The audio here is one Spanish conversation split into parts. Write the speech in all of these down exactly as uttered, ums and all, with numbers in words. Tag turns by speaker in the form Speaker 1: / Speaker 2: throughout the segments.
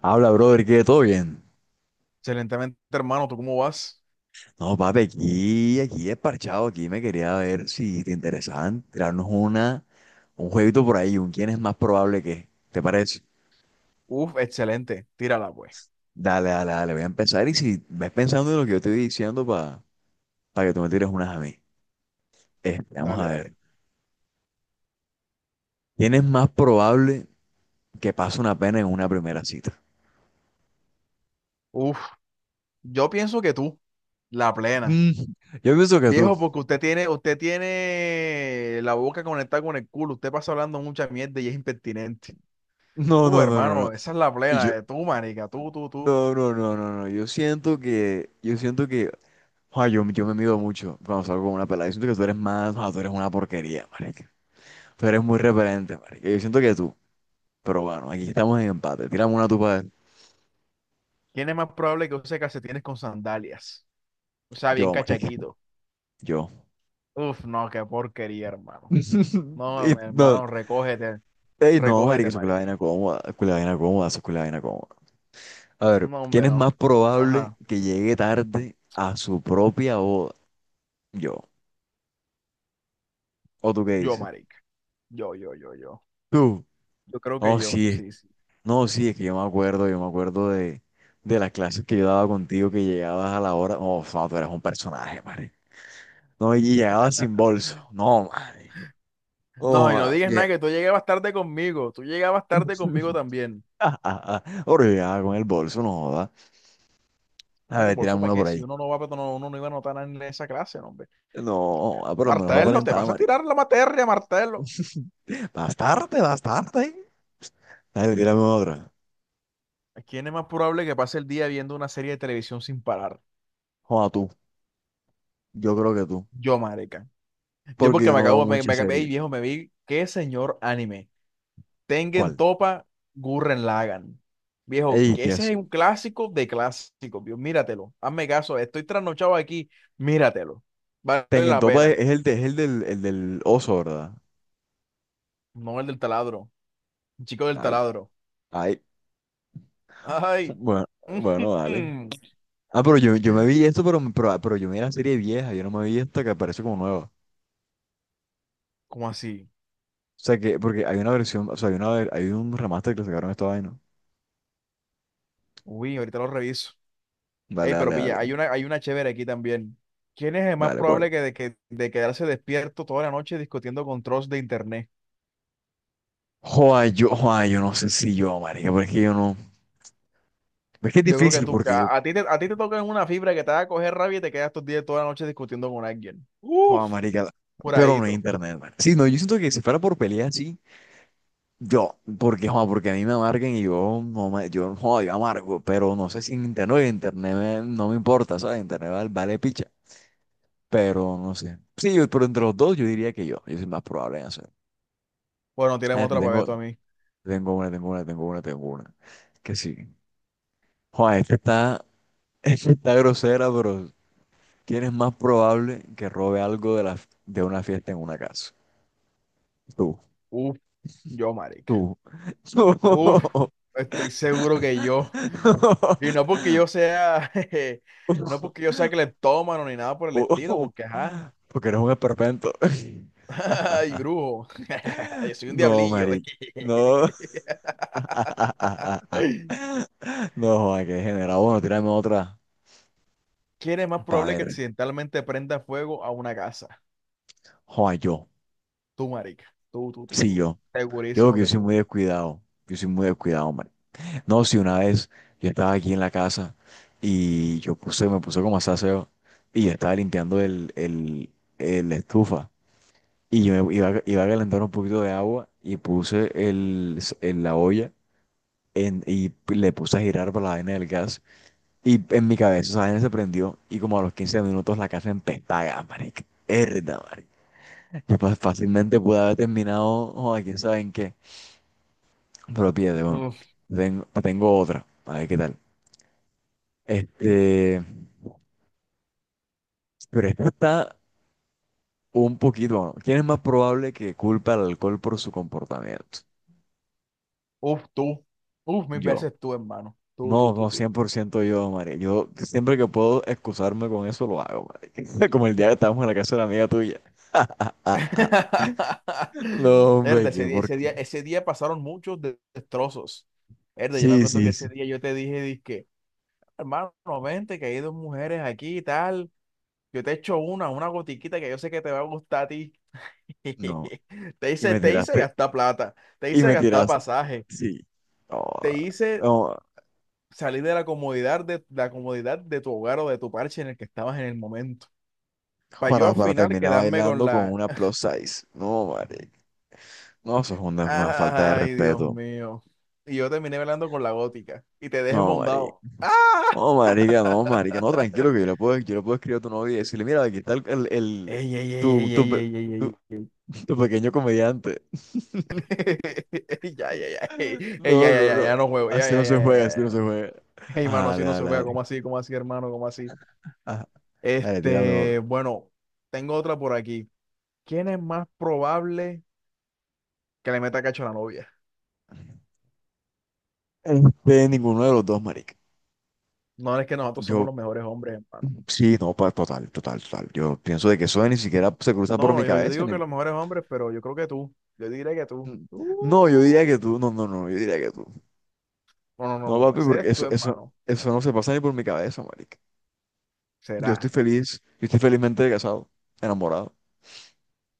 Speaker 1: Habla, brother, que todo bien.
Speaker 2: Excelentemente, hermano. ¿Tú cómo vas?
Speaker 1: No, papi, aquí, aquí es parchado, aquí me quería ver si te interesaban tirarnos una, un jueguito por ahí, un quién es más probable que, ¿te parece?
Speaker 2: Uf, excelente. Tírala, pues.
Speaker 1: Dale, dale, dale, voy a empezar y si ves pensando en lo que yo estoy diciendo para que tú me tires unas a mí. Este, vamos
Speaker 2: Dale,
Speaker 1: a ver.
Speaker 2: dale.
Speaker 1: ¿Quién es más probable que pase una pena en una primera cita?
Speaker 2: Uf, yo pienso que tú, la plena.
Speaker 1: Mm, yo pienso que tú.
Speaker 2: Viejo, porque usted tiene, usted tiene la boca conectada con el culo. Usted pasa hablando mucha mierda y es impertinente.
Speaker 1: No,
Speaker 2: Uh,
Speaker 1: no, no, no, no.
Speaker 2: hermano, esa es la
Speaker 1: Y yo,
Speaker 2: plena. eh, Tú, marica, tú, tú, tú.
Speaker 1: no, no, no, no, no. Yo siento que, yo siento que, joder, yo, yo me mido mucho cuando salgo con una pelada. Yo siento que tú eres más, joder, tú eres una porquería, marica. Tú eres muy referente, marica. Yo siento que tú. Pero bueno, aquí estamos en empate. Tírame una tupa de...
Speaker 2: ¿Quién es más probable que use calcetines con sandalias? O sea, bien
Speaker 1: Yo, marica.
Speaker 2: cachaquito.
Speaker 1: Yo.
Speaker 2: Uf, no, qué porquería, hermano.
Speaker 1: Y
Speaker 2: No,
Speaker 1: no,
Speaker 2: hermano, recógete,
Speaker 1: ey, no, marica,
Speaker 2: recógete,
Speaker 1: eso es la
Speaker 2: marica.
Speaker 1: vaina cómoda. Eso es la vaina cómoda, eso es la vaina cómoda. A ver,
Speaker 2: No,
Speaker 1: ¿quién
Speaker 2: hombre,
Speaker 1: es
Speaker 2: no.
Speaker 1: más probable
Speaker 2: Ajá,
Speaker 1: que llegue tarde a su propia boda? Yo. ¿O tú qué
Speaker 2: yo,
Speaker 1: dices?
Speaker 2: marica. Yo, yo, yo, yo.
Speaker 1: Tú.
Speaker 2: Yo creo que
Speaker 1: Oh,
Speaker 2: yo,
Speaker 1: sí.
Speaker 2: sí, sí.
Speaker 1: No, sí, es que yo me acuerdo, yo me acuerdo de, de las clases que yo daba contigo, que llegabas a la hora. Oh, no, tú eras un personaje, madre. No, y llegabas sin bolso. No, madre.
Speaker 2: No,
Speaker 1: Oh,
Speaker 2: y no
Speaker 1: madre.
Speaker 2: digas
Speaker 1: lle-
Speaker 2: nada, que tú llegabas tarde conmigo. Tú llegabas tarde conmigo también.
Speaker 1: Ahora llegaba con el bolso, no joda. A
Speaker 2: No, que
Speaker 1: ver,
Speaker 2: por eso
Speaker 1: tirame
Speaker 2: para
Speaker 1: uno
Speaker 2: qué,
Speaker 1: por
Speaker 2: si
Speaker 1: ahí.
Speaker 2: uno no va, pero no, uno no iba a notar nada en esa clase, no, hombre.
Speaker 1: No, ah, por lo menos para
Speaker 2: Martelo, te
Speaker 1: aparentar,
Speaker 2: vas a
Speaker 1: marica.
Speaker 2: tirar la materia, Martelo.
Speaker 1: Bastarte, bastarte. A ver, tírame otra.
Speaker 2: ¿A quién es más probable que pase el día viendo una serie de televisión sin parar?
Speaker 1: Joda, tú. Yo creo que tú.
Speaker 2: Yo, marica. Yo
Speaker 1: Porque
Speaker 2: porque
Speaker 1: yo
Speaker 2: me
Speaker 1: no veo
Speaker 2: acabo, me,
Speaker 1: mucha
Speaker 2: me, ey,
Speaker 1: serie.
Speaker 2: viejo, me vi qué señor anime. Tengen
Speaker 1: ¿Cuál?
Speaker 2: Topa, Gurren Lagann. Viejo,
Speaker 1: Ey,
Speaker 2: que
Speaker 1: ¿qué
Speaker 2: ese
Speaker 1: es?
Speaker 2: es un clásico de clásicos, viejo. Míratelo. Hazme caso, estoy trasnochado aquí. Míratelo. Vale
Speaker 1: Tengen
Speaker 2: la
Speaker 1: Topa es
Speaker 2: pena.
Speaker 1: es el, de- es el del, el del oso, ¿verdad?
Speaker 2: No, el del taladro. El chico del
Speaker 1: Ay,
Speaker 2: taladro.
Speaker 1: ay.
Speaker 2: Ay.
Speaker 1: Bueno, bueno, vale.
Speaker 2: Ujú.
Speaker 1: Ah, pero yo, yo me vi esto, pero, pero, pero yo me vi la serie vieja, yo no me vi esta que aparece como nueva. O
Speaker 2: ¿Cómo así?
Speaker 1: sea que, porque hay una versión, o sea, hay una, hay un remaster que le sacaron a esta vaina.
Speaker 2: Uy, ahorita lo reviso. Ey,
Speaker 1: Dale,
Speaker 2: pero
Speaker 1: dale,
Speaker 2: pilla,
Speaker 1: dale.
Speaker 2: hay una, hay una chévere aquí también. ¿Quién es el más
Speaker 1: Dale, ¿cuál?
Speaker 2: probable que de, que, de quedarse despierto toda la noche discutiendo con trolls de internet?
Speaker 1: Joder, yo, joder, yo no sé si yo, marica, porque yo no. Es que es
Speaker 2: Yo creo que
Speaker 1: difícil
Speaker 2: tú, porque
Speaker 1: porque
Speaker 2: a,
Speaker 1: yo,
Speaker 2: a ti te, a ti te toca en una fibra que te va a coger rabia y te quedas estos días toda la noche discutiendo con alguien. Uf,
Speaker 1: joder, marica, pero no hay
Speaker 2: curadito.
Speaker 1: internet, man. Sí, no, yo siento que si fuera por pelea, sí. Yo, porque, joder, porque a mí me amarguen y yo, no me, yo, joder, yo amargo, pero no sé si en internet, en internet me- no me importa, ¿sabes? Internet vale, vale picha. Pero no sé. Sí, yo- pero entre los dos yo diría que yo. Yo soy más probable en hacer.
Speaker 2: Bueno,
Speaker 1: A
Speaker 2: tienen
Speaker 1: ver, yo
Speaker 2: otra para ver
Speaker 1: tengo,
Speaker 2: tú a mí.
Speaker 1: tengo una, tengo una, tengo una, tengo una. Que sí. Juan, esta está, esta está grosera, pero ¿quién es más probable que robe algo de, la, de una fiesta en una casa? Tú,
Speaker 2: Uf, yo, marica.
Speaker 1: tú.
Speaker 2: Uf, estoy seguro que yo. Y no porque yo sea, jeje,
Speaker 1: tú
Speaker 2: no porque yo sea cleptómano ni nada por el estilo, porque ajá.
Speaker 1: Porque eres un esperpento.
Speaker 2: Ay, brujo. Yo soy un
Speaker 1: No,
Speaker 2: diablillo.
Speaker 1: Mari. No. No, joda, que degenerado. Bueno, tírame otra
Speaker 2: ¿Quién es más
Speaker 1: para
Speaker 2: probable que
Speaker 1: ver.
Speaker 2: accidentalmente prenda fuego a una casa?
Speaker 1: Joda, yo.
Speaker 2: Tú, marica. Tú, tú, tú,
Speaker 1: Sí,
Speaker 2: tú.
Speaker 1: yo. Yo creo
Speaker 2: Segurísimo
Speaker 1: que yo
Speaker 2: que
Speaker 1: soy
Speaker 2: tú.
Speaker 1: muy descuidado. Yo soy muy descuidado, hombre. No, si una vez yo estaba aquí en la casa y yo puse, me puse como a hacer aseo y yo estaba limpiando el, el, el estufa y yo me iba, a- iba a calentar un poquito de agua y puse el, el- la olla en, y le puse a girar para la vaina del gas. Y en mi cabeza esa vaina se prendió y como a los quince minutos la casa empezaba, marica. Herda, marica. Yo fa- fácilmente pude haber terminado, joder, quién sabe en qué. Pero pídate, bueno.
Speaker 2: Uf.
Speaker 1: Tengo, tengo otra, a ver qué tal. Este, pero esta está un poquito, bueno, ¿quién es más probable que culpe al alcohol por su comportamiento?
Speaker 2: Uf, tú. Uf, mil
Speaker 1: Yo.
Speaker 2: veces tú, hermano. Tú, tú,
Speaker 1: No,
Speaker 2: tú,
Speaker 1: no,
Speaker 2: tú.
Speaker 1: cien por ciento yo, María. Yo siempre que puedo excusarme con eso lo hago, marica. Como el día que estábamos en la casa de la amiga tuya. No,
Speaker 2: Verde,
Speaker 1: hombre,
Speaker 2: ese
Speaker 1: que
Speaker 2: día,
Speaker 1: por
Speaker 2: ese día, ese día pasaron muchos de- destrozos. Verde, yo me
Speaker 1: Sí,
Speaker 2: acuerdo que
Speaker 1: sí, sí.
Speaker 2: ese día yo te dije, dizque, hermano, vente, que hay dos mujeres aquí y tal. Yo te echo una, una gotiquita que yo sé que te va a gustar a ti.
Speaker 1: No.
Speaker 2: Te
Speaker 1: Y
Speaker 2: hice,
Speaker 1: me
Speaker 2: te hice
Speaker 1: tiraste,
Speaker 2: gastar plata, te
Speaker 1: y
Speaker 2: hice
Speaker 1: me
Speaker 2: gastar
Speaker 1: tiraste.
Speaker 2: pasaje,
Speaker 1: Sí. No,
Speaker 2: te hice
Speaker 1: no,
Speaker 2: salir de la comodidad de, la comodidad de tu hogar o de tu parche en el que estabas en el momento. Para yo
Speaker 1: para,
Speaker 2: al
Speaker 1: para
Speaker 2: final
Speaker 1: terminar
Speaker 2: quedarme con
Speaker 1: bailando con
Speaker 2: la...
Speaker 1: una plus size. No, marica. No, eso es una, una falta de
Speaker 2: Ah, ay, Dios
Speaker 1: respeto.
Speaker 2: mío. Y yo terminé bailando con la gótica y te dejé
Speaker 1: No, marica.
Speaker 2: mondado. ¡Ah!
Speaker 1: No, marica, no, marica. No, tranquilo, que yo le puedo, yo le puedo escribir a tu novia y decirle, mira, aquí está el, el, el-
Speaker 2: Ey, ey, ey,
Speaker 1: tu,
Speaker 2: ey,
Speaker 1: tu,
Speaker 2: ey,
Speaker 1: pe-
Speaker 2: ey,
Speaker 1: tu,
Speaker 2: ey, ey, ey.
Speaker 1: tu pequeño comediante.
Speaker 2: Ey, Ya, ya, ya. Ey, ey, ya,
Speaker 1: No,
Speaker 2: ya,
Speaker 1: no,
Speaker 2: ya,
Speaker 1: no.
Speaker 2: ya no juego. Ya,
Speaker 1: Así
Speaker 2: ya,
Speaker 1: no
Speaker 2: ya,
Speaker 1: se
Speaker 2: ya.
Speaker 1: juega, así no se
Speaker 2: ya.
Speaker 1: juega.
Speaker 2: Ey,
Speaker 1: Ah,
Speaker 2: mano, así
Speaker 1: dale,
Speaker 2: no se
Speaker 1: dale,
Speaker 2: juega.
Speaker 1: dale.
Speaker 2: ¿Cómo así? ¿Cómo así, hermano? ¿Cómo así?
Speaker 1: Ah, dale, tírame
Speaker 2: Este,
Speaker 1: otro.
Speaker 2: bueno, tengo otra por aquí. ¿Quién es más probable que le meta cacho a la novia?
Speaker 1: Este, ninguno de los dos, marica.
Speaker 2: No, es que nosotros somos
Speaker 1: Yo,
Speaker 2: los mejores hombres, hermano.
Speaker 1: sí, no, pa- total, total, total. Yo pienso de que eso ni siquiera se cruza por
Speaker 2: No,
Speaker 1: mi
Speaker 2: no, yo, yo
Speaker 1: cabeza.
Speaker 2: digo que
Speaker 1: ni-
Speaker 2: los mejores hombres, pero yo creo que tú. Yo diría que tú.
Speaker 1: No, yo diría
Speaker 2: Uh.
Speaker 1: que tú, no, no, no, yo diría que tú.
Speaker 2: No, no, no,
Speaker 1: No,
Speaker 2: no,
Speaker 1: papi,
Speaker 2: ese
Speaker 1: porque
Speaker 2: eres tú,
Speaker 1: eso, eso,
Speaker 2: hermano.
Speaker 1: eso no se pasa ni por mi cabeza, marica. Yo estoy
Speaker 2: Será.
Speaker 1: feliz, yo estoy felizmente casado, enamorado.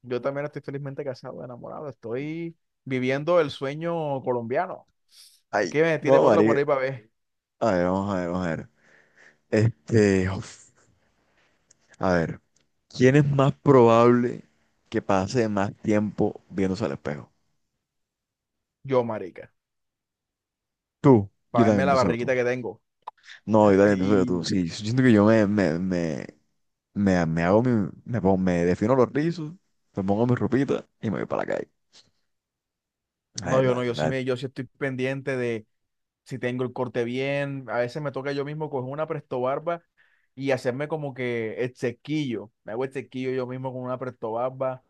Speaker 2: Yo también estoy felizmente casado, enamorado. Estoy viviendo el sueño colombiano.
Speaker 1: Ay,
Speaker 2: Que me tiren
Speaker 1: no,
Speaker 2: otra por
Speaker 1: marica.
Speaker 2: ahí para ver.
Speaker 1: A ver, vamos a ver, vamos a ver. Este, uf, a ver, ¿quién es más probable que pase más tiempo viéndose al espejo?
Speaker 2: Yo, marica.
Speaker 1: Tú. Yo
Speaker 2: Para verme
Speaker 1: también
Speaker 2: la
Speaker 1: pienso que
Speaker 2: barriguita
Speaker 1: tú.
Speaker 2: que tengo.
Speaker 1: No, yo también pienso que tú.
Speaker 2: Y
Speaker 1: Sí, yo siento que yo me, me, me Me, me hago mi, me, pon- me defino los rizos, me pongo mi ropita y me voy para la calle. La
Speaker 2: no, yo
Speaker 1: verdad,
Speaker 2: no,
Speaker 1: la
Speaker 2: yo sí
Speaker 1: verdad.
Speaker 2: me, yo sí estoy pendiente de si tengo el corte bien. A veces me toca yo mismo coger una presto barba y hacerme como que el sequillo. Me hago el sequillo yo mismo con una presto barba,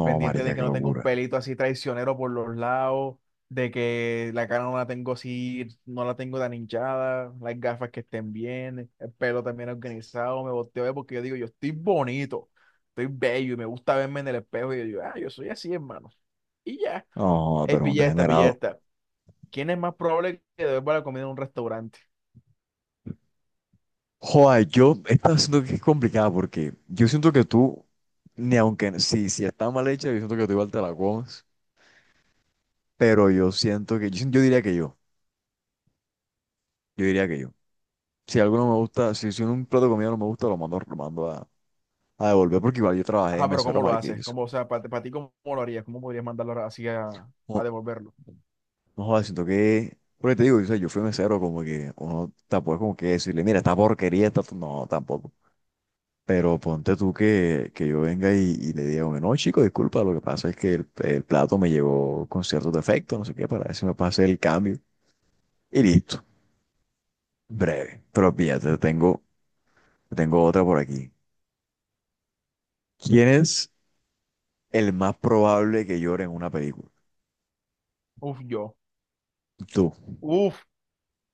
Speaker 1: No,
Speaker 2: pendiente
Speaker 1: marica,
Speaker 2: de que
Speaker 1: qué
Speaker 2: no tenga un
Speaker 1: locura.
Speaker 2: pelito así traicionero por los lados, de que la cara no la tengo así, no la tengo tan hinchada, las gafas que estén bien, el pelo también organizado. Me volteo a ver porque yo digo, yo estoy bonito, estoy bello y me gusta verme en el espejo, y yo digo, ah, yo soy así, hermano. Y ya,
Speaker 1: No,
Speaker 2: hey,
Speaker 1: pero un
Speaker 2: pilla esta, pilla
Speaker 1: degenerado.
Speaker 2: esta. ¿Quién es más probable que devuelva la comida en un restaurante?
Speaker 1: Joder, yo, esta siento que es complicada porque yo siento que tú, ni aunque, si, si está mal hecha, yo siento que tú igual te la comes, pero yo siento que, yo, sien- yo diría que yo, yo diría que yo. Si algo no me gusta, si, si un plato de comida no me gusta, lo mando, lo mando a, a devolver porque igual yo trabajé de
Speaker 2: Ajá, pero
Speaker 1: mesero,
Speaker 2: ¿cómo lo
Speaker 1: marica, y
Speaker 2: haces?
Speaker 1: eso.
Speaker 2: Cómo, o sea, para ti, ¿cómo lo harías? ¿Cómo podrías mandarlo así a, a devolverlo?
Speaker 1: No jodas, siento que, porque te digo, o sea, yo fui mesero, como que uno tampoco es como que decirle, mira, esta porquería, esta, no, tampoco. Pero ponte tú que, que yo venga y, y le diga, bueno, no, chico, disculpa, lo que pasa es que el, el plato me llegó con cierto defecto, no sé qué, para ver si me pase el cambio. Y listo, breve. Pero fíjate, tengo, tengo otra por aquí. ¿Quién es el más probable que llore en una película?
Speaker 2: Uf, yo.
Speaker 1: Tú.
Speaker 2: Uf,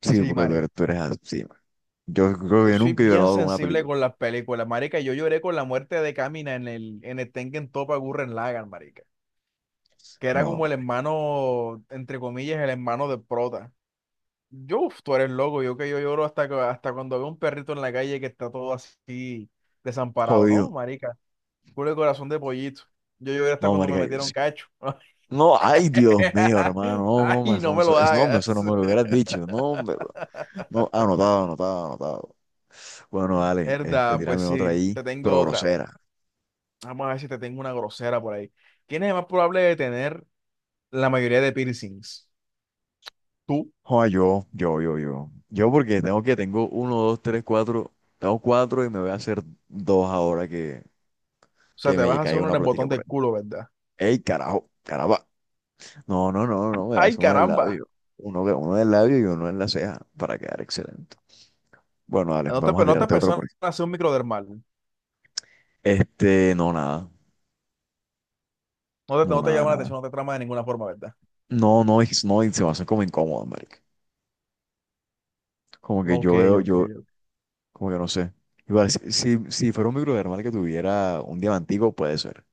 Speaker 1: Sí,
Speaker 2: sí.
Speaker 1: porque tú eres, tú eres así, man. Yo creo que
Speaker 2: Yo
Speaker 1: yo
Speaker 2: soy
Speaker 1: nunca he
Speaker 2: bien
Speaker 1: llorado con una
Speaker 2: sensible
Speaker 1: película.
Speaker 2: con las películas, marica. Yo lloré con la muerte de Kamina en el, en el Tengen Toppa Gurren Lagann, marica. Que era
Speaker 1: No,
Speaker 2: como el
Speaker 1: man,
Speaker 2: hermano, entre comillas, el hermano de Prota. Yo, uf, tú eres loco. Yo, que yo lloro hasta, que- hasta cuando veo un perrito en la calle que está todo así desamparado, ¿no,
Speaker 1: jodido.
Speaker 2: marica? Puro corazón de pollito. Yo lloré hasta
Speaker 1: No,
Speaker 2: cuando me
Speaker 1: marica, yo
Speaker 2: metieron
Speaker 1: sí.
Speaker 2: cacho.
Speaker 1: No, ay, Dios mío, hermano. No, no,
Speaker 2: Ay, no
Speaker 1: eso,
Speaker 2: me
Speaker 1: eso,
Speaker 2: lo
Speaker 1: eso- no, eso
Speaker 2: hagas.
Speaker 1: no me lo hubieras dicho. No, hombre, bro. No, anotado, anotado, anotado. Bueno, dale, este,
Speaker 2: Verdad, pues
Speaker 1: tírame otra
Speaker 2: sí,
Speaker 1: ahí,
Speaker 2: te tengo
Speaker 1: pero
Speaker 2: otra.
Speaker 1: grosera.
Speaker 2: Vamos a ver si te tengo una grosera por ahí. ¿Quién es más probable de tener la mayoría de piercings? Tú, o
Speaker 1: Joder, yo, yo, yo, yo. Yo porque tengo que, tengo uno, dos, tres, cuatro. Tengo cuatro y me voy a hacer dos ahora que,
Speaker 2: sea,
Speaker 1: que
Speaker 2: ¿te vas
Speaker 1: me
Speaker 2: a hacer
Speaker 1: caiga
Speaker 2: uno en
Speaker 1: una
Speaker 2: el
Speaker 1: plática
Speaker 2: botón
Speaker 1: por
Speaker 2: del
Speaker 1: ahí.
Speaker 2: culo, verdad?
Speaker 1: Ey, carajo, caramba. No, no, no, no, me voy a
Speaker 2: ¡Ay,
Speaker 1: hacer uno del
Speaker 2: caramba!
Speaker 1: labio. Uno, uno del labio y uno en la ceja para quedar excelente. Bueno, dale,
Speaker 2: ¿No te,
Speaker 1: vamos a
Speaker 2: no te
Speaker 1: tirarte otro
Speaker 2: pensaron
Speaker 1: por aquí.
Speaker 2: hacer un microdermal?
Speaker 1: Este, no, nada.
Speaker 2: ¿No te,
Speaker 1: No,
Speaker 2: no te
Speaker 1: nada,
Speaker 2: llama la
Speaker 1: nada.
Speaker 2: atención, no te trama de ninguna forma, verdad?
Speaker 1: No, no, es- no, y se va a hace como incómodo, marica. Como que
Speaker 2: Ok,
Speaker 1: yo veo,
Speaker 2: ok,
Speaker 1: yo,
Speaker 2: ok.
Speaker 1: como que no sé. Igual, si, si, si fuera un microdermal que tuviera un diamantico, puede ser.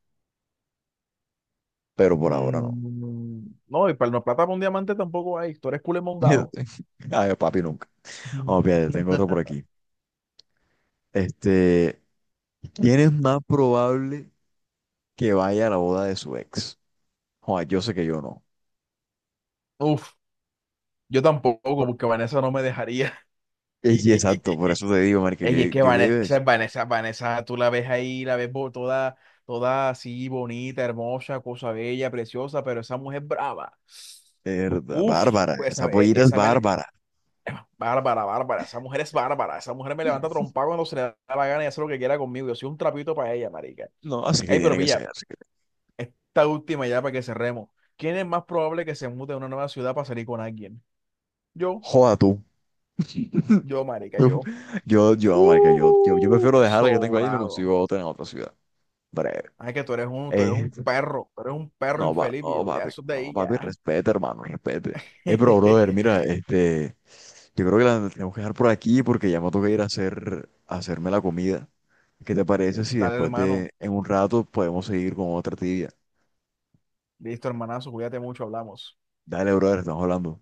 Speaker 1: Pero por ahora no.
Speaker 2: Mm, no, y para no, plata para un diamante tampoco hay. Tú eres culo mondado.
Speaker 1: Ay, papi, nunca. Vamos, fíjate, tengo otro por aquí. Este, ¿quién es más probable que vaya a la boda de su ex? Joder, yo sé que yo no.
Speaker 2: Uf, yo tampoco,
Speaker 1: Por-
Speaker 2: porque Vanessa no me dejaría.
Speaker 1: Eh, sí, exacto, por eso te digo, marica, yo,
Speaker 2: Ey, es que
Speaker 1: yo le digo,
Speaker 2: Vanessa,
Speaker 1: es
Speaker 2: Vanessa, Vanessa, tú la ves ahí, la ves bo- toda, toda así, bonita, hermosa, cosa bella, preciosa, pero esa mujer brava.
Speaker 1: verdad,
Speaker 2: Uf,
Speaker 1: Bárbara,
Speaker 2: pues
Speaker 1: esa
Speaker 2: esa, e-
Speaker 1: pollita es
Speaker 2: esa me... le-
Speaker 1: bárbara.
Speaker 2: Bárbara, bárbara. Esa mujer es bárbara. Esa mujer me levanta trompa cuando se le da la gana y hace lo que quiera conmigo. Yo soy un trapito para ella, marica.
Speaker 1: No, así que
Speaker 2: Ey, pero
Speaker 1: tiene que
Speaker 2: pilla,
Speaker 1: ser, así que...
Speaker 2: esta última ya para que cerremos. ¿Quién es más probable que se mute a una nueva ciudad para salir con alguien? Yo,
Speaker 1: Joda tú.
Speaker 2: yo, marica, yo.
Speaker 1: Yo, yo, marica, yo, yo, yo
Speaker 2: Uh,
Speaker 1: prefiero dejar la que tengo ahí y me
Speaker 2: sobrado.
Speaker 1: consigo otra en otra ciudad. Breve.
Speaker 2: Ay, que tú eres un, tú eres
Speaker 1: Eh,
Speaker 2: un perro. Tú eres un perro
Speaker 1: no, va,
Speaker 2: infeliz,
Speaker 1: no,
Speaker 2: viejo. Ya,
Speaker 1: papi,
Speaker 2: eso es de
Speaker 1: no,
Speaker 2: ahí,
Speaker 1: papi,
Speaker 2: ya.
Speaker 1: respete, hermano, respete. Eh, pero, brother, mira, este, yo creo que la tengo que dejar por aquí porque ya me toca ir a hacer, a hacerme la comida. ¿Qué te parece si
Speaker 2: Dale,
Speaker 1: después
Speaker 2: hermano.
Speaker 1: de, en un rato, podemos seguir con otra tibia?
Speaker 2: Listo, hermanazo. Cuídate mucho, hablamos.
Speaker 1: Dale, brother, estamos hablando.